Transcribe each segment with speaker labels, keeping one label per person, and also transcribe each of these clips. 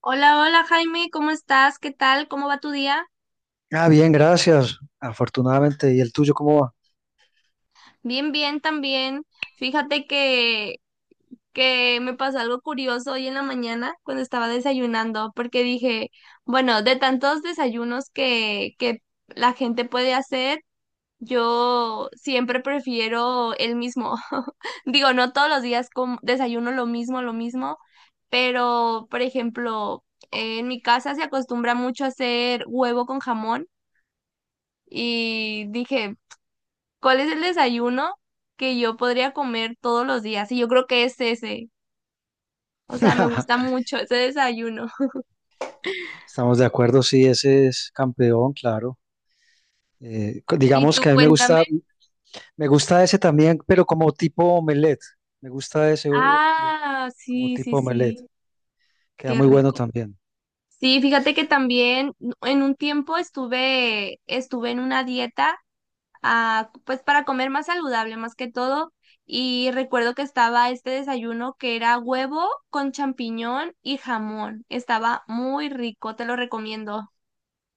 Speaker 1: Hola, hola Jaime, ¿cómo estás? ¿Qué tal? ¿Cómo va tu día?
Speaker 2: Bien, gracias. Afortunadamente. ¿Y el tuyo cómo va?
Speaker 1: Bien, bien también. Fíjate que me pasó algo curioso hoy en la mañana cuando estaba desayunando, porque dije, bueno, de tantos desayunos que la gente puede hacer, yo siempre prefiero el mismo. Digo, no todos los días desayuno lo mismo, pero, por ejemplo, en mi casa se acostumbra mucho a hacer huevo con jamón. Y dije, ¿cuál es el desayuno que yo podría comer todos los días? Y yo creo que es ese. O sea, me gusta mucho ese desayuno.
Speaker 2: Estamos de acuerdo, sí, ese es campeón, claro.
Speaker 1: Y
Speaker 2: Digamos
Speaker 1: tú
Speaker 2: que a mí
Speaker 1: cuéntame.
Speaker 2: me gusta ese también, pero como tipo omelette. Me gusta ese
Speaker 1: Ah,
Speaker 2: como
Speaker 1: sí, sí,
Speaker 2: tipo omelette.
Speaker 1: sí.
Speaker 2: Queda
Speaker 1: Qué
Speaker 2: muy bueno
Speaker 1: rico.
Speaker 2: también.
Speaker 1: Sí, fíjate que también en un tiempo estuve en una dieta, ah, pues para comer más saludable, más que todo. Y recuerdo que estaba este desayuno que era huevo con champiñón y jamón. Estaba muy rico, te lo recomiendo.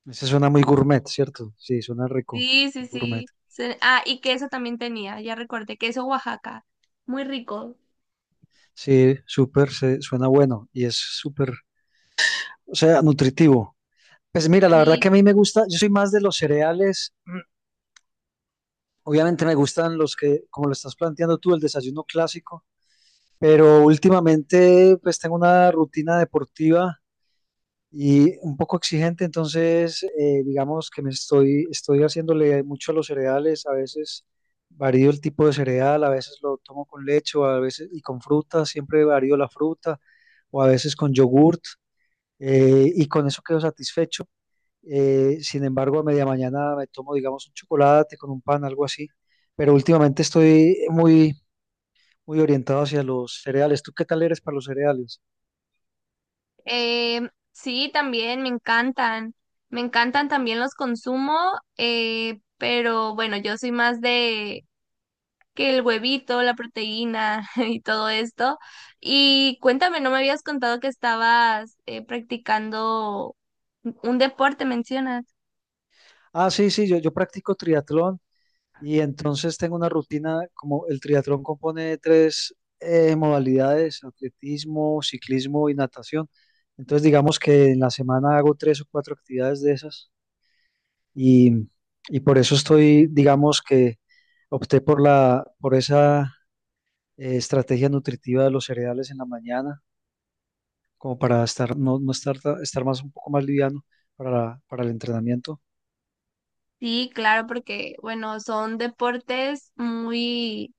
Speaker 2: Ese suena muy gourmet, ¿cierto? Sí, suena rico,
Speaker 1: Sí, sí,
Speaker 2: muy gourmet.
Speaker 1: sí. Ah, y queso también tenía, ya recordé, queso Oaxaca. Muy rico.
Speaker 2: Sí, súper, suena bueno y es súper, o sea, nutritivo. Pues mira, la verdad
Speaker 1: Sí,
Speaker 2: que a mí me
Speaker 1: sí.
Speaker 2: gusta, yo soy más de los cereales. Obviamente me gustan los que, como lo estás planteando tú, el desayuno clásico, pero últimamente pues tengo una rutina deportiva y un poco exigente, entonces digamos que estoy haciéndole mucho a los cereales, a veces varío el tipo de cereal, a veces lo tomo con leche, o a veces y con fruta, siempre varío la fruta, o a veces con yogurt, y con eso quedo satisfecho. Sin embargo, a media mañana me tomo, digamos, un chocolate con un pan, algo así. Pero últimamente estoy muy, muy orientado hacia los cereales. ¿Tú qué tal eres para los cereales?
Speaker 1: Sí, también me encantan. Me encantan también, los consumo, pero bueno, yo soy más de que el huevito, la proteína y todo esto. Y cuéntame, no me habías contado que estabas practicando un deporte, mencionas.
Speaker 2: Ah, sí, sí, yo practico triatlón y entonces tengo una rutina, como el triatlón compone de tres modalidades, atletismo, ciclismo y natación. Entonces, digamos que en la semana hago tres o cuatro actividades de esas y, y por eso estoy, digamos que opté por por esa estrategia nutritiva de los cereales en la mañana, como para estar, no, no estar, estar más, un poco más liviano para el entrenamiento.
Speaker 1: Sí, claro, porque bueno, son deportes muy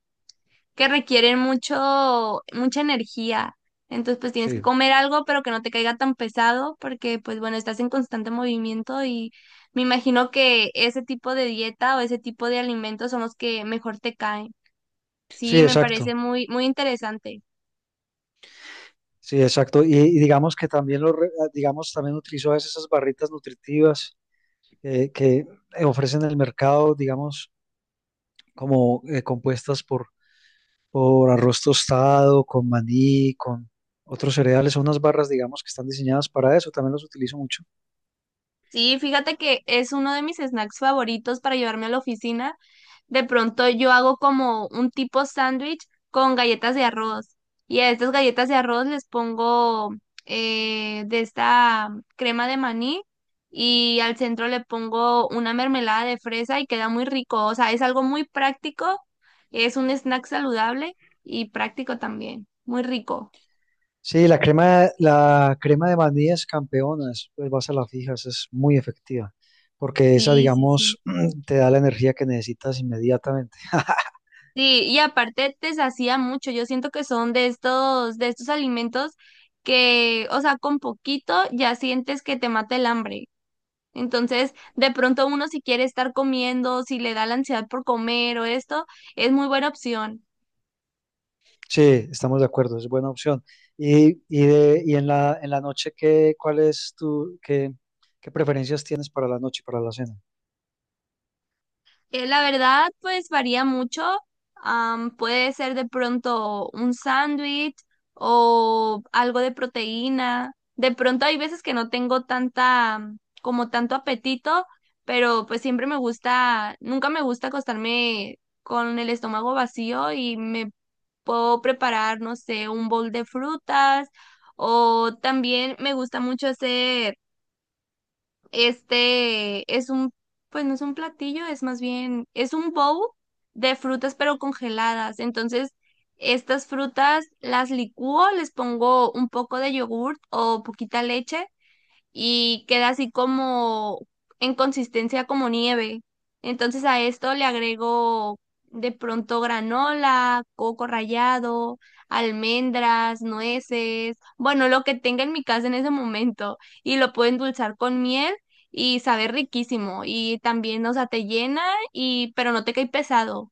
Speaker 1: que requieren mucho, mucha energía. Entonces, pues tienes que
Speaker 2: Sí,
Speaker 1: comer algo, pero que no te caiga tan pesado, porque, pues bueno, estás en constante movimiento y me imagino que ese tipo de dieta o ese tipo de alimentos son los que mejor te caen.
Speaker 2: sí,
Speaker 1: Sí, me
Speaker 2: exacto.
Speaker 1: parece muy, muy interesante.
Speaker 2: Sí, exacto. Y digamos que también, digamos, también utilizo a veces esas barritas nutritivas que ofrecen en el mercado, digamos, como compuestas por arroz tostado, con maní, con otros cereales. Son unas barras, digamos, que están diseñadas para eso. También las utilizo mucho.
Speaker 1: Sí, fíjate que es uno de mis snacks favoritos para llevarme a la oficina, de pronto yo hago como un tipo sándwich con galletas de arroz. Y a estas galletas de arroz les pongo de esta crema de maní y al centro le pongo una mermelada de fresa y queda muy rico. O sea, es algo muy práctico, es un snack saludable y práctico también, muy rico.
Speaker 2: Sí, la crema de vainillas campeonas, pues vas a la fija, esa es muy efectiva, porque esa,
Speaker 1: Sí, sí, sí.
Speaker 2: digamos, te da la energía que necesitas inmediatamente.
Speaker 1: Sí, y aparte te sacia mucho. Yo siento que son de estos alimentos que, o sea, con poquito ya sientes que te mata el hambre. Entonces, de pronto uno si quiere estar comiendo, si le da la ansiedad por comer o esto, es muy buena opción.
Speaker 2: Sí, estamos de acuerdo, es buena opción. Y en la noche, ¿qué, cuál es tu, qué, qué preferencias tienes para la noche, para la cena?
Speaker 1: La verdad, pues varía mucho. Puede ser de pronto un sándwich o algo de proteína. De pronto hay veces que no tengo tanta, como tanto apetito, pero pues siempre me gusta, nunca me gusta acostarme con el estómago vacío y me puedo preparar, no sé, un bol de frutas o también me gusta mucho hacer, este es un, pues no es un platillo, es más bien, es un bowl de frutas pero congeladas. Entonces, estas frutas las licúo, les pongo un poco de yogurt o poquita leche y queda así como en consistencia como nieve. Entonces a esto le agrego de pronto granola, coco rallado, almendras, nueces, bueno, lo que tenga en mi casa en ese momento y lo puedo endulzar con miel y sabe riquísimo y también, o sea, te llena y pero no te cae pesado.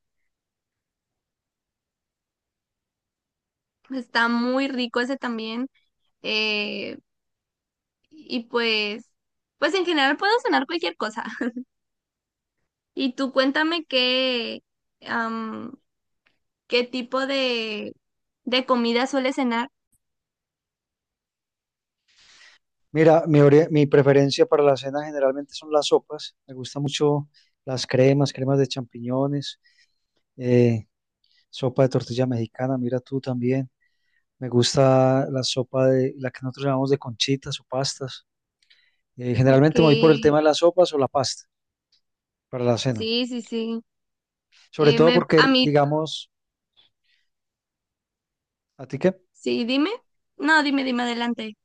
Speaker 1: Está muy rico ese también. eh, y pues, pues en general puedo cenar cualquier cosa. Y tú cuéntame qué, am, qué tipo de comida sueles en...
Speaker 2: Mira, mi preferencia para la cena generalmente son las sopas, me gustan mucho las cremas, cremas de champiñones, eh, sopa de tortilla mexicana, mira tú también. Me gusta la sopa de la que nosotros llamamos de conchitas o pastas.
Speaker 1: Ok,
Speaker 2: Generalmente me voy por el tema de las sopas o la pasta para la cena.
Speaker 1: sí, sí, sí.
Speaker 2: Sobre todo
Speaker 1: Me, a
Speaker 2: porque,
Speaker 1: mí,
Speaker 2: digamos, ¿a ti qué?
Speaker 1: sí, dime. No, dime adelante.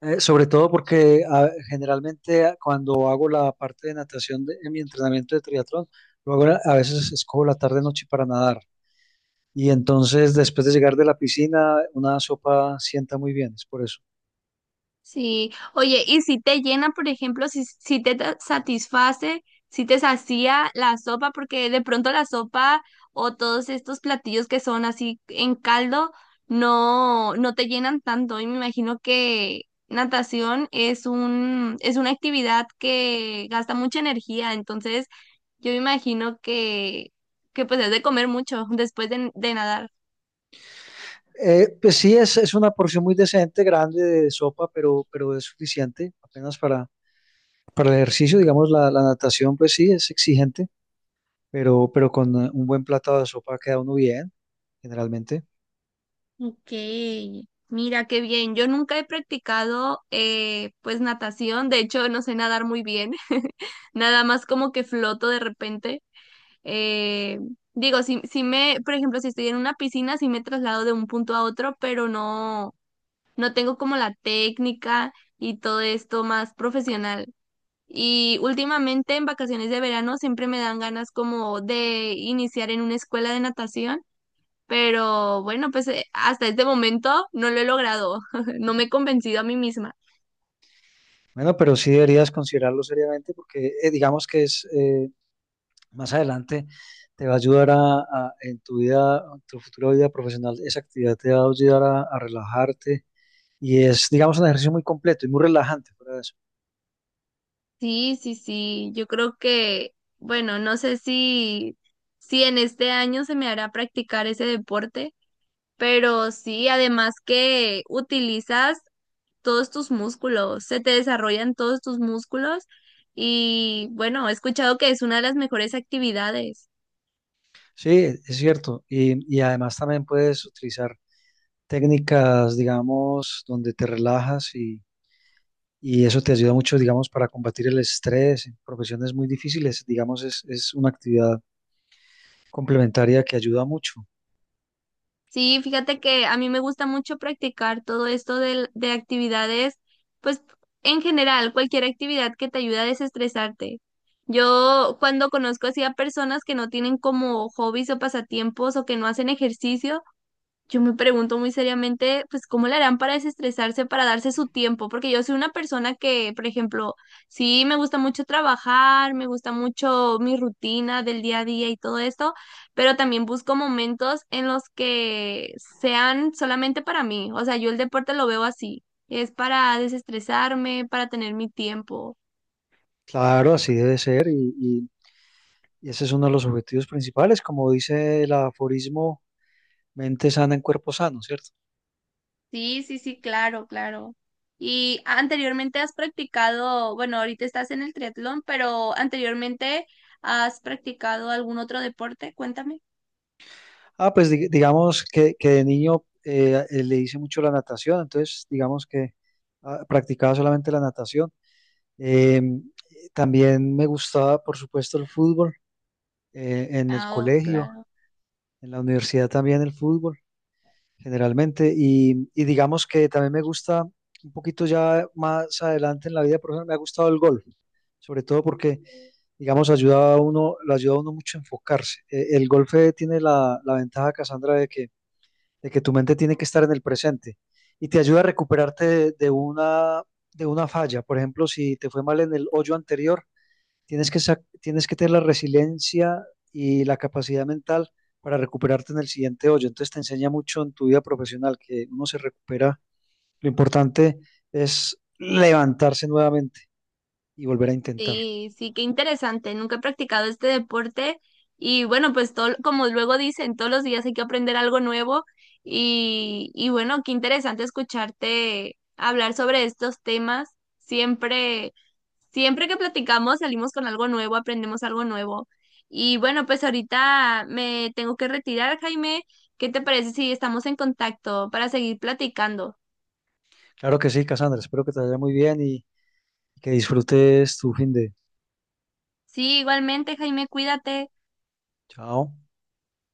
Speaker 2: Sobre todo porque generalmente cuando hago la parte de natación en mi entrenamiento de triatlón, luego a veces escojo la tarde noche para nadar. Y entonces después de llegar de la piscina, una sopa sienta muy bien, es por eso.
Speaker 1: Sí, oye, y si te llena, por ejemplo, si, si te satisface, si te sacía la sopa, porque de pronto la sopa o todos estos platillos que son así en caldo no, no te llenan tanto. Y me imagino que natación es un, es una actividad que gasta mucha energía, entonces yo me imagino que pues es de comer mucho después de nadar.
Speaker 2: Pues sí, es una porción muy decente, grande de sopa, pero es suficiente apenas para. Para el ejercicio, digamos, la natación, pues sí, es exigente, pero con un buen plato de sopa queda uno bien, generalmente.
Speaker 1: Ok, mira qué bien. Yo nunca he practicado pues natación, de hecho no sé nadar muy bien, nada más como que floto de repente. Eh, Digo, si, si me, por ejemplo, si estoy en una piscina, si me traslado de un punto a otro, pero no, no tengo como la técnica y todo esto más profesional. Y últimamente en vacaciones de verano siempre me dan ganas como de iniciar en una escuela de natación, pero bueno, pues hasta este momento no lo he logrado, no me he convencido a mí misma.
Speaker 2: Bueno, pero sí deberías considerarlo seriamente porque digamos que es más adelante te va a ayudar a, en tu vida, en tu futura vida profesional, esa actividad te va a ayudar a relajarte y es, digamos, un ejercicio muy completo y muy relajante fuera de eso.
Speaker 1: Sí, sí, sí, yo creo que, bueno, no sé si, si en este año se me hará practicar ese deporte, pero sí, además que utilizas todos tus músculos, se te desarrollan todos tus músculos y bueno, he escuchado que es una de las mejores actividades.
Speaker 2: Sí, es cierto. Y además también puedes utilizar técnicas, digamos, donde te relajas y eso te ayuda mucho, digamos, para combatir el estrés en profesiones muy difíciles. Digamos, es una actividad complementaria que ayuda mucho.
Speaker 1: Sí, fíjate que a mí me gusta mucho practicar todo esto de actividades, pues en general, cualquier actividad que te ayude a desestresarte. Yo cuando conozco así a personas que no tienen como hobbies o pasatiempos o que no hacen ejercicio, yo me pregunto muy seriamente, pues, ¿cómo le harán para desestresarse, para darse su tiempo? Porque yo soy una persona que, por ejemplo, sí me gusta mucho trabajar, me gusta mucho mi rutina del día a día y todo esto, pero también busco momentos en los que sean solamente para mí. O sea, yo el deporte lo veo así, es para desestresarme, para tener mi tiempo.
Speaker 2: Claro, así debe ser y ese es uno de los objetivos principales, como dice el aforismo, mente sana en cuerpo sano, ¿cierto?
Speaker 1: Sí, sí, sí, claro, claro. Y anteriormente has practicado, bueno, ahorita estás en el triatlón, pero anteriormente has practicado algún otro deporte, cuéntame.
Speaker 2: Pues digamos que de niño le hice mucho la natación, entonces digamos que practicaba solamente la natación. También me gustaba, por supuesto, el fútbol en el
Speaker 1: Ah, oh,
Speaker 2: colegio,
Speaker 1: claro.
Speaker 2: en la universidad también el fútbol generalmente. Y digamos que también me gusta un poquito ya más adelante en la vida profesional, me ha gustado el golf, sobre todo porque, digamos, ayuda a uno, lo ayuda a uno mucho a enfocarse. El golf tiene la, la ventaja, Cassandra, de que tu mente tiene que estar en el presente y te ayuda a recuperarte de una falla. Por ejemplo, si te fue mal en el hoyo anterior, tienes que, tienes que tener la resiliencia y la capacidad mental para recuperarte en el siguiente hoyo. Entonces te enseña mucho en tu vida profesional que uno se recupera. Lo importante es levantarse nuevamente y volver a intentar.
Speaker 1: Sí, sí, qué interesante. Nunca he practicado este deporte y bueno, pues todo, como luego dicen, todos los días hay que aprender algo nuevo y bueno, qué interesante escucharte hablar sobre estos temas. Siempre, siempre que platicamos salimos con algo nuevo, aprendemos algo nuevo. Y bueno, pues ahorita me tengo que retirar, Jaime. ¿Qué te parece si estamos en contacto para seguir platicando?
Speaker 2: Claro que sí, Cassandra. Espero que te vaya muy bien y que disfrutes tu fin de...
Speaker 1: Sí, igualmente, Jaime, cuídate.
Speaker 2: Chao.